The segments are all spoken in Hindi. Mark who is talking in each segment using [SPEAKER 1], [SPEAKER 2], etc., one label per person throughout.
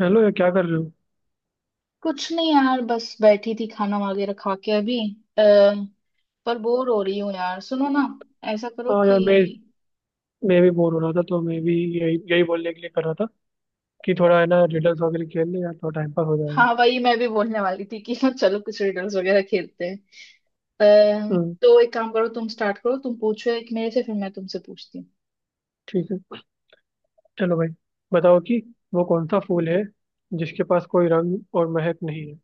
[SPEAKER 1] हेलो यार, क्या कर रहे हो?
[SPEAKER 2] कुछ नहीं यार, बस बैठी थी, खाना वगैरह खा के अभी। आ, पर बोर हो रही हूँ यार। सुनो ना, ऐसा करो
[SPEAKER 1] हाँ
[SPEAKER 2] कि
[SPEAKER 1] यार, मैं भी बोर हो रहा था तो मैं भी यही यही बोलने के लिए कर रहा था कि थोड़ा है ना, रिडल्स वगैरह खेल ले यार, थोड़ा टाइम पास हो जाएगा।
[SPEAKER 2] हाँ, वही मैं भी बोलने वाली थी कि हाँ चलो, कुछ रिडल्स वगैरह खेलते हैं।
[SPEAKER 1] हम्म।
[SPEAKER 2] तो एक काम करो, तुम स्टार्ट करो, तुम पूछो एक मेरे से, फिर मैं तुमसे पूछती हूँ।
[SPEAKER 1] ठीक है। चलो भाई। बताओ कि वो कौन सा फूल है जिसके पास कोई रंग और महक नहीं है?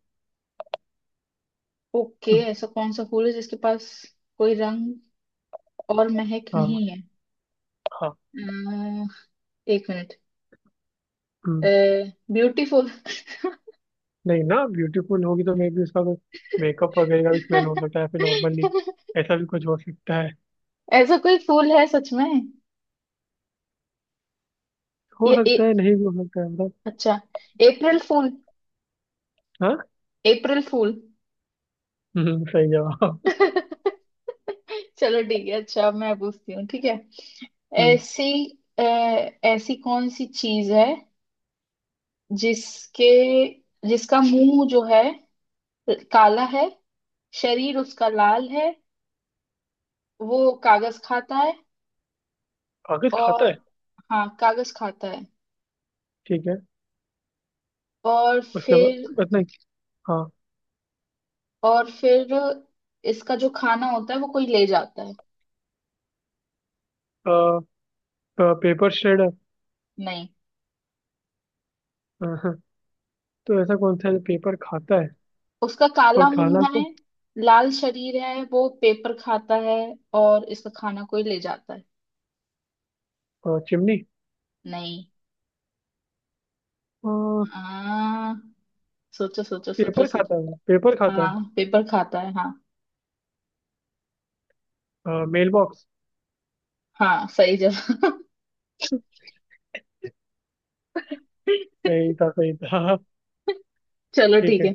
[SPEAKER 2] ओके,
[SPEAKER 1] हम्म।
[SPEAKER 2] ऐसा कौन सा फूल है जिसके पास कोई रंग और महक
[SPEAKER 1] हाँ,
[SPEAKER 2] नहीं है।
[SPEAKER 1] हाँ।
[SPEAKER 2] अ, एक मिनट।
[SPEAKER 1] हम्म।
[SPEAKER 2] ब्यूटीफुल।
[SPEAKER 1] नहीं ना, ब्यूटीफुल होगी तो मे भी उसका कुछ मेकअप वगैरह का भी स्मेल हो सकता है फिर नॉर्मली। ऐसा भी कुछ हो सकता है।
[SPEAKER 2] ऐसा कोई फूल है सच में?
[SPEAKER 1] हो
[SPEAKER 2] ये
[SPEAKER 1] सकता है, नहीं भी हो सकता है, मतलब।
[SPEAKER 2] अच्छा, अप्रैल फूल।
[SPEAKER 1] हाँ।
[SPEAKER 2] अप्रैल फूल।
[SPEAKER 1] सही जवाब।
[SPEAKER 2] चलो ठीक है। अच्छा अब मैं पूछती हूँ, ठीक है।
[SPEAKER 1] हम्म।
[SPEAKER 2] ऐसी अ, ऐसी कौन सी चीज है जिसके जिसका मुंह जो है, काला है, शरीर उसका लाल है, वो कागज खाता है।
[SPEAKER 1] कागज
[SPEAKER 2] और
[SPEAKER 1] खाता है।
[SPEAKER 2] हाँ, कागज खाता है।
[SPEAKER 1] ठीक है।
[SPEAKER 2] और
[SPEAKER 1] उसके
[SPEAKER 2] फिर,
[SPEAKER 1] बाद बस नहीं। हाँ।
[SPEAKER 2] और फिर इसका जो खाना होता है, वो कोई ले जाता है।
[SPEAKER 1] आ, आ, पेपर श्रेडर।
[SPEAKER 2] नहीं।
[SPEAKER 1] तो ऐसा कौन सा है जो पेपर खाता है?
[SPEAKER 2] उसका काला
[SPEAKER 1] और खाना
[SPEAKER 2] मुंह है,
[SPEAKER 1] को?
[SPEAKER 2] लाल शरीर है, वो पेपर खाता है और इसका खाना कोई ले जाता है।
[SPEAKER 1] चिमनी।
[SPEAKER 2] नहीं।
[SPEAKER 1] अ,
[SPEAKER 2] हाँ, सोचो सोचो सोचो
[SPEAKER 1] पेपर
[SPEAKER 2] सोचो।
[SPEAKER 1] खाता है, पेपर खाता
[SPEAKER 2] हाँ, पेपर खाता है हाँ।
[SPEAKER 1] है, मेल बॉक्स।
[SPEAKER 2] हाँ सही जवाब।
[SPEAKER 1] सही था, सही था। हाँ, हाँ।
[SPEAKER 2] चलो
[SPEAKER 1] ठीक
[SPEAKER 2] ठीक
[SPEAKER 1] है।
[SPEAKER 2] है।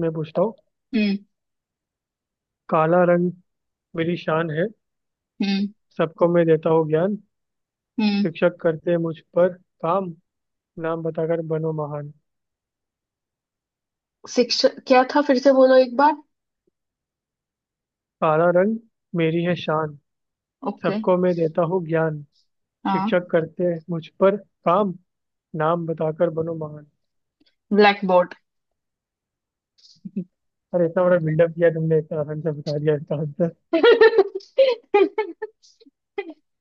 [SPEAKER 1] मैं पूछता हूँ।
[SPEAKER 2] हम्म।
[SPEAKER 1] काला रंग मेरी शान है।
[SPEAKER 2] हम्म।
[SPEAKER 1] सबको मैं देता हूँ ज्ञान।
[SPEAKER 2] हम्म।
[SPEAKER 1] शिक्षक करते मुझ पर काम। नाम बताकर बनो महान।
[SPEAKER 2] शिक्षा क्या था, फिर से बोलो एक बार।
[SPEAKER 1] काला रंग मेरी है शान।
[SPEAKER 2] ओके।
[SPEAKER 1] सबको मैं देता हूँ ज्ञान।
[SPEAKER 2] हाँ।
[SPEAKER 1] शिक्षक करते मुझ पर काम। नाम बताकर बनो महान।
[SPEAKER 2] Black board.
[SPEAKER 1] अरे, इतना बड़ा बिल्डअप किया तुमने, इतना आसान से बता दिया इसका आंसर।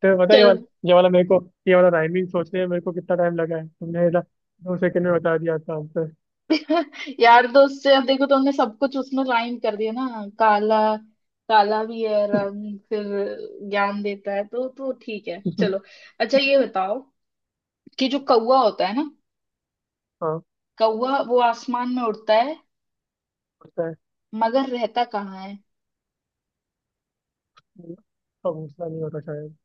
[SPEAKER 1] तो पता है ये
[SPEAKER 2] चलो।
[SPEAKER 1] वाला, ये वाला मेरे को, ये वाला राइमिंग सोचने में मेरे को कितना टाइम लगा है, तुमने इधर 2 सेकंड में बता दिया इसका आंसर।
[SPEAKER 2] यार दोस्त से अब देखो, तुमने सब कुछ उसमें लाइन कर दिया ना। काला, काला भी है, रंग फिर ज्ञान देता है तो ठीक है चलो। अच्छा ये बताओ कि जो कौवा होता है ना,
[SPEAKER 1] हाँ,
[SPEAKER 2] कौवा वो आसमान में उड़ता है
[SPEAKER 1] होता है।
[SPEAKER 2] मगर रहता कहाँ है?
[SPEAKER 1] अब घोसला नहीं होता शायद।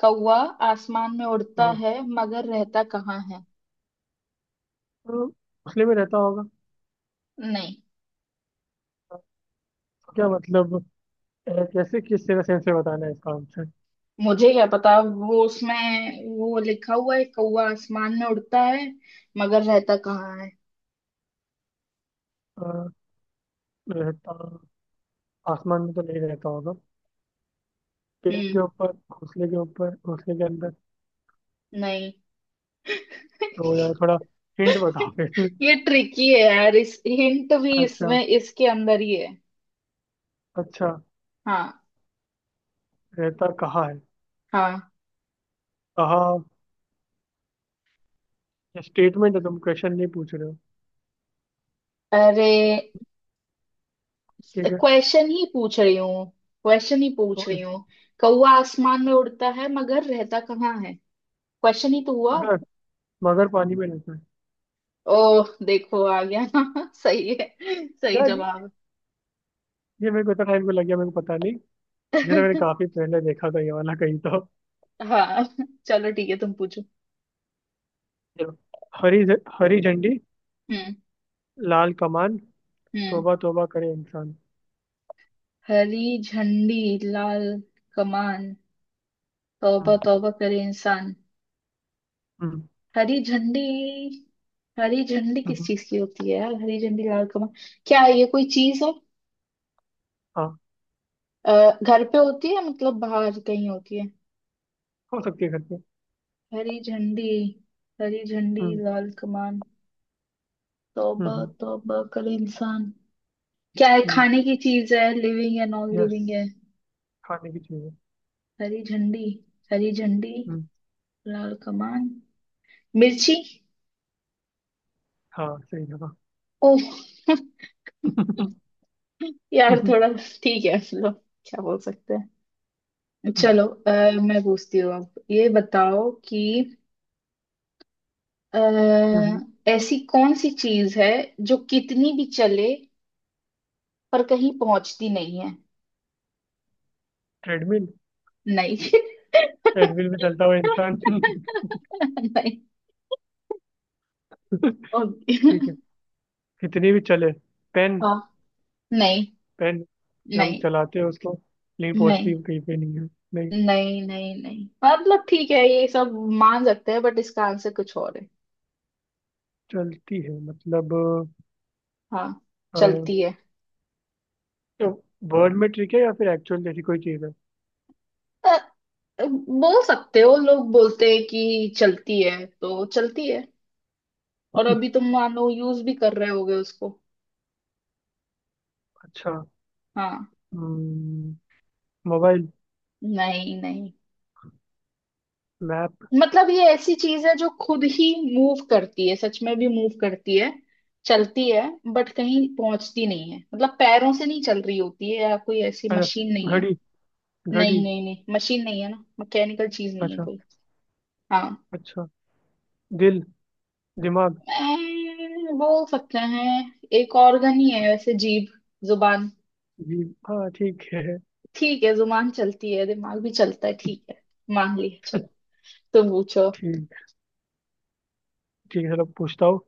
[SPEAKER 2] कौवा आसमान में उड़ता
[SPEAKER 1] हाँ।
[SPEAKER 2] है मगर रहता कहाँ है?
[SPEAKER 1] तो घोंसले में रहता होगा।
[SPEAKER 2] नहीं।
[SPEAKER 1] तो क्या मतलब? कैसे, किस तरह सेंस से बताना है इसका आंसर?
[SPEAKER 2] मुझे क्या पता, वो उसमें वो लिखा हुआ है, कौवा आसमान में उड़ता है मगर रहता कहाँ है।
[SPEAKER 1] अ, रहता आसमान में तो नहीं रहता होगा, पेड़
[SPEAKER 2] हम्म।
[SPEAKER 1] के ऊपर, घोंसले के ऊपर, घोंसले के अंदर।
[SPEAKER 2] नहीं।
[SPEAKER 1] तो यार, थोड़ा हिंट बताओ फिर।
[SPEAKER 2] ये ट्रिकी है यार, इस हिंट भी
[SPEAKER 1] अच्छा,
[SPEAKER 2] इसमें इसके अंदर ही है।
[SPEAKER 1] अच्छा।
[SPEAKER 2] हाँ।
[SPEAKER 1] रहता कहाँ है?
[SPEAKER 2] हाँ।
[SPEAKER 1] कहा स्टेटमेंट है, तुम क्वेश्चन नहीं पूछ रहे हो।
[SPEAKER 2] अरे,
[SPEAKER 1] ठीक है।
[SPEAKER 2] क्वेश्चन ही पूछ रही हूँ, क्वेश्चन ही पूछ
[SPEAKER 1] तो
[SPEAKER 2] रही
[SPEAKER 1] इस,
[SPEAKER 2] हूँ। कौवा आसमान में उड़ता है मगर रहता कहाँ है, क्वेश्चन ही तो हुआ।
[SPEAKER 1] मगर मगर पानी में रहता है।
[SPEAKER 2] ओह देखो आ गया ना। सही है, सही
[SPEAKER 1] यार,
[SPEAKER 2] जवाब।
[SPEAKER 1] ये मेरे को इतना टाइम को लग गया, मेरे को पता नहीं। ये तो मैंने काफी पहले देखा था ये वाला कहीं तो।
[SPEAKER 2] हाँ चलो ठीक है, तुम पूछो।
[SPEAKER 1] चलो। हरी झंडी,
[SPEAKER 2] हम्म।
[SPEAKER 1] लाल कमान,
[SPEAKER 2] हम्म।
[SPEAKER 1] तौबा तौबा करे इंसान।
[SPEAKER 2] हरी झंडी, लाल कमान, तौबा
[SPEAKER 1] हम्म।
[SPEAKER 2] तौबा करे इंसान।
[SPEAKER 1] हम्म।
[SPEAKER 2] हरी झंडी, हरी झंडी किस
[SPEAKER 1] हम्म।
[SPEAKER 2] चीज की होती है यार? हरी झंडी, लाल कमल, क्या है ये, कोई चीज है?
[SPEAKER 1] हाँ।
[SPEAKER 2] अ, घर पे होती है मतलब, बाहर कहीं होती है?
[SPEAKER 1] हो सकती है घर पे।
[SPEAKER 2] हरी झंडी, हरी झंडी
[SPEAKER 1] हम्म।
[SPEAKER 2] लाल कमान, तौबा
[SPEAKER 1] हम्म।
[SPEAKER 2] तौबा करे इंसान। क्या है,
[SPEAKER 1] हम्म।
[SPEAKER 2] खाने की चीज है, लिविंग है, नॉन
[SPEAKER 1] यस,
[SPEAKER 2] लिविंग है?
[SPEAKER 1] खाने की चीज है।
[SPEAKER 2] हरी झंडी, हरी झंडी
[SPEAKER 1] हम्म,
[SPEAKER 2] लाल कमान, मिर्ची।
[SPEAKER 1] हाँ, सही जगह।
[SPEAKER 2] ओह। यार थोड़ा, ठीक है लो, क्या बोल सकते हैं। चलो मैं पूछती हूँ अब, ये बताओ कि अ, ऐसी कौन सी चीज है जो कितनी भी चले पर कहीं पहुंचती नहीं है?
[SPEAKER 1] ट्रेडमिल।
[SPEAKER 2] नहीं।
[SPEAKER 1] ट्रेडमिल में चलता हुआ इंसान।
[SPEAKER 2] नहीं। ओके।
[SPEAKER 1] ठीक है। कितनी भी चले, पेन।
[SPEAKER 2] हाँ। नहीं।
[SPEAKER 1] पेन, हम
[SPEAKER 2] नहीं।
[SPEAKER 1] चलाते हैं उसको, लेकिन
[SPEAKER 2] नहीं
[SPEAKER 1] पहुंचती कहीं पे नहीं है। नहीं।
[SPEAKER 2] नहीं नहीं नहीं मतलब ठीक है ये सब मान सकते हैं, बट इसका आंसर कुछ और है।
[SPEAKER 1] चलती है, मतलब।
[SPEAKER 2] हाँ,
[SPEAKER 1] अ,
[SPEAKER 2] चलती है।
[SPEAKER 1] तो वर्ड में ट्रिक है, या फिर एक्चुअल जैसी कोई चीज है?
[SPEAKER 2] अ, बोल सकते हो, लोग बोलते हैं कि चलती है तो चलती है, और अभी तुम मान लो यूज भी कर रहे होगे उसको।
[SPEAKER 1] अच्छा।
[SPEAKER 2] हाँ।
[SPEAKER 1] हम्म। मोबाइल।
[SPEAKER 2] नहीं नहीं,
[SPEAKER 1] मैप।
[SPEAKER 2] मतलब ये ऐसी चीज है जो खुद ही मूव करती है, सच में भी मूव करती है, चलती है बट कहीं पहुंचती नहीं है। मतलब पैरों से नहीं चल रही होती है या कोई ऐसी
[SPEAKER 1] अच्छा,
[SPEAKER 2] मशीन नहीं है।
[SPEAKER 1] घड़ी, घड़ी।
[SPEAKER 2] नहीं नहीं नहीं, मशीन नहीं है ना, मैकेनिकल चीज नहीं है
[SPEAKER 1] अच्छा।
[SPEAKER 2] कोई। हाँ।
[SPEAKER 1] अच्छा। दिल, दिमाग।
[SPEAKER 2] बोल सकते हैं, एक ऑर्गन ही है वैसे। जीभ, जुबान।
[SPEAKER 1] जी। हाँ, ठीक है।
[SPEAKER 2] ठीक है, जुबान चलती है, दिमाग भी चलता है, ठीक है मान लिया। चलो तुम पूछो।
[SPEAKER 1] ठीक, ठीक है। चलो, पूछता हूँ।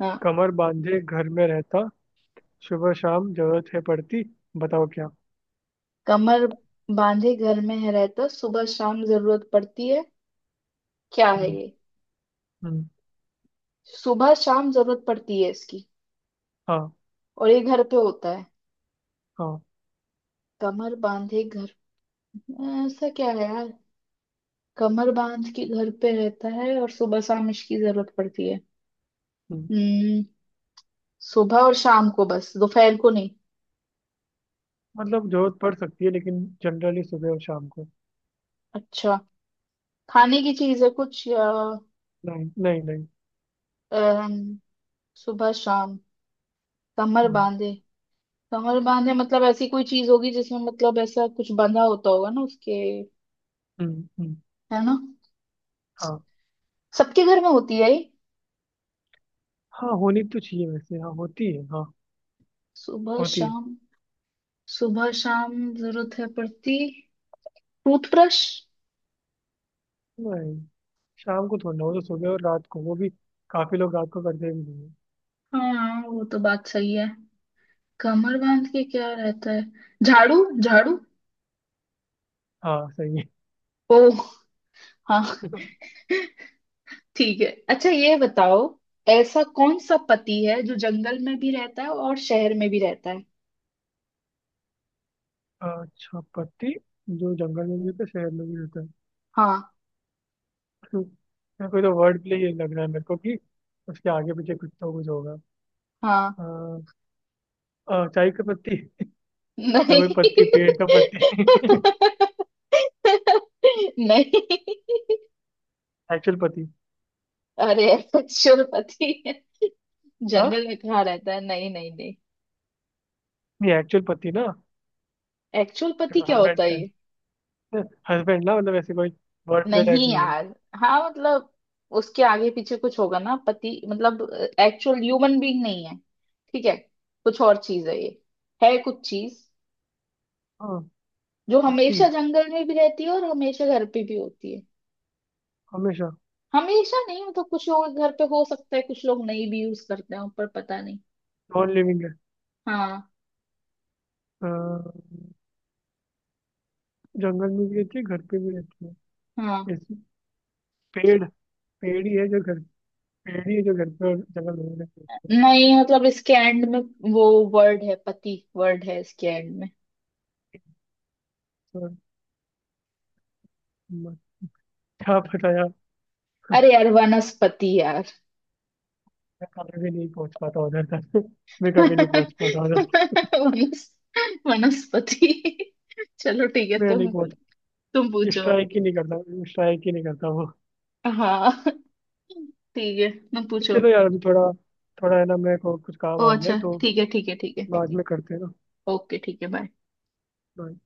[SPEAKER 2] हाँ।
[SPEAKER 1] कमर बांधे घर में रहता, सुबह शाम जरूरत है पड़ती, बताओ क्या?
[SPEAKER 2] कमर बांधे घर में है रहता, सुबह शाम जरूरत पड़ती है, क्या है
[SPEAKER 1] हम्म।
[SPEAKER 2] ये?
[SPEAKER 1] हम्म।
[SPEAKER 2] सुबह शाम जरूरत पड़ती है इसकी,
[SPEAKER 1] हाँ।
[SPEAKER 2] और ये घर पे होता है।
[SPEAKER 1] हाँ।
[SPEAKER 2] कमर बांधे घर, ऐसा क्या है यार? कमर बांध के घर पे रहता है और सुबह शाम इसकी जरूरत पड़ती है।
[SPEAKER 1] हम्म।
[SPEAKER 2] हम्म, सुबह और शाम को बस, दोपहर को नहीं?
[SPEAKER 1] मतलब, जरूरत पड़ सकती है, लेकिन जनरली सुबह और शाम को।
[SPEAKER 2] अच्छा, खाने की चीज है कुछ या?
[SPEAKER 1] नहीं, नहीं, नहीं।
[SPEAKER 2] अम, सुबह शाम, कमर
[SPEAKER 1] हम्म।
[SPEAKER 2] बांधे, कमर बांधे मतलब ऐसी कोई चीज होगी जिसमें मतलब ऐसा कुछ बंधा होता होगा ना उसके,
[SPEAKER 1] हम्म। हम्म।
[SPEAKER 2] है ना?
[SPEAKER 1] हाँ।
[SPEAKER 2] सबके घर में होती है ये?
[SPEAKER 1] हाँ, होनी तो चाहिए वैसे, हाँ, होती है, हाँ।
[SPEAKER 2] सुबह
[SPEAKER 1] होती है।
[SPEAKER 2] शाम, सुबह शाम जरूरत है पड़ती, टूथब्रश।
[SPEAKER 1] नहीं, शाम को थोड़ा ना, वो तो सुबह और रात को, वो भी काफी लोग रात को करते भी नहीं है।
[SPEAKER 2] हाँ वो तो बात सही है। कमर बांध के क्या रहता है, झाड़ू, झाड़ू।
[SPEAKER 1] हाँ, सही है।
[SPEAKER 2] ओ हाँ। ठीक है, अच्छा ये बताओ, ऐसा कौन सा पति है जो जंगल में भी रहता है और शहर में भी रहता है?
[SPEAKER 1] अच्छा पति जो जंगल में भी होता है, शहर में भी होता है?
[SPEAKER 2] हाँ।
[SPEAKER 1] यार, कोई तो वर्ड प्ले ही लग रहा है मेरे को कि उसके आगे पीछे कुछ तो कुछ होगा।
[SPEAKER 2] हाँ।
[SPEAKER 1] अ, चाय का पत्ती, या
[SPEAKER 2] नहीं।
[SPEAKER 1] कोई पत्ती, पेड़ का पत्ती।
[SPEAKER 2] नहीं,
[SPEAKER 1] एक्चुअल पत्ती।
[SPEAKER 2] अरे एक्चुअल पति है, जंगल
[SPEAKER 1] हाँ।
[SPEAKER 2] में कहाँ रहता है? नहीं नहीं नहीं,
[SPEAKER 1] ये एक्चुअल पति ना,
[SPEAKER 2] एक्चुअल पति क्या
[SPEAKER 1] हस्बैंड
[SPEAKER 2] होता है
[SPEAKER 1] टाइप।
[SPEAKER 2] ये?
[SPEAKER 1] हस्बैंड ना, मतलब ऐसे कोई वर्ड प्ले टाइप
[SPEAKER 2] नहीं
[SPEAKER 1] नहीं है।
[SPEAKER 2] यार। हाँ मतलब उसके आगे पीछे कुछ होगा ना, पति मतलब एक्चुअल ह्यूमन बीइंग नहीं है, ठीक है, कुछ और चीज है ये। है कुछ चीज
[SPEAKER 1] हाँ।
[SPEAKER 2] जो
[SPEAKER 1] पति।
[SPEAKER 2] हमेशा जंगल में भी रहती है और हमेशा घर पे भी होती है।
[SPEAKER 1] हमेशा।
[SPEAKER 2] हमेशा नहीं मतलब, कुछ लोगों के घर पे हो सकता है कुछ लोग नहीं भी यूज करते हो, पर पता नहीं।
[SPEAKER 1] नॉन लिविंग है।
[SPEAKER 2] हाँ।
[SPEAKER 1] अ, जंगल में भी रहती है, घर पे भी रहती है?
[SPEAKER 2] हाँ।
[SPEAKER 1] जैसे पेड़। पेड़ ही है जो घर। पेड़ ही है जो घर पे और जंगल में रहती है।
[SPEAKER 2] नहीं मतलब इसके एंड में वो वर्ड है, पति वर्ड है इसके एंड में।
[SPEAKER 1] तो म- क्या पता यार।
[SPEAKER 2] अरे यार, वनस्पति यार।
[SPEAKER 1] मैं कभी भी नहीं पहुंच पाता उधर तक। मैं कभी नहीं पहुंच पाता उधर तक।
[SPEAKER 2] वनस, वनस्पति। चलो ठीक है,
[SPEAKER 1] मैं नहीं पहुंच,
[SPEAKER 2] तुम पूछो।
[SPEAKER 1] स्ट्राइक ही नहीं करता, स्ट्राइक ही नहीं करता वो।
[SPEAKER 2] हाँ ठीक है, तुम पूछो।
[SPEAKER 1] चलो यार, अभी थोड़ा, थोड़ा है ना, मेरे को कुछ काम
[SPEAKER 2] ओ
[SPEAKER 1] आ गया है
[SPEAKER 2] अच्छा
[SPEAKER 1] तो
[SPEAKER 2] ठीक है, ठीक है ठीक है।
[SPEAKER 1] बाद में करते हैं ना।
[SPEAKER 2] ओके ठीक है, बाय।
[SPEAKER 1] Bye.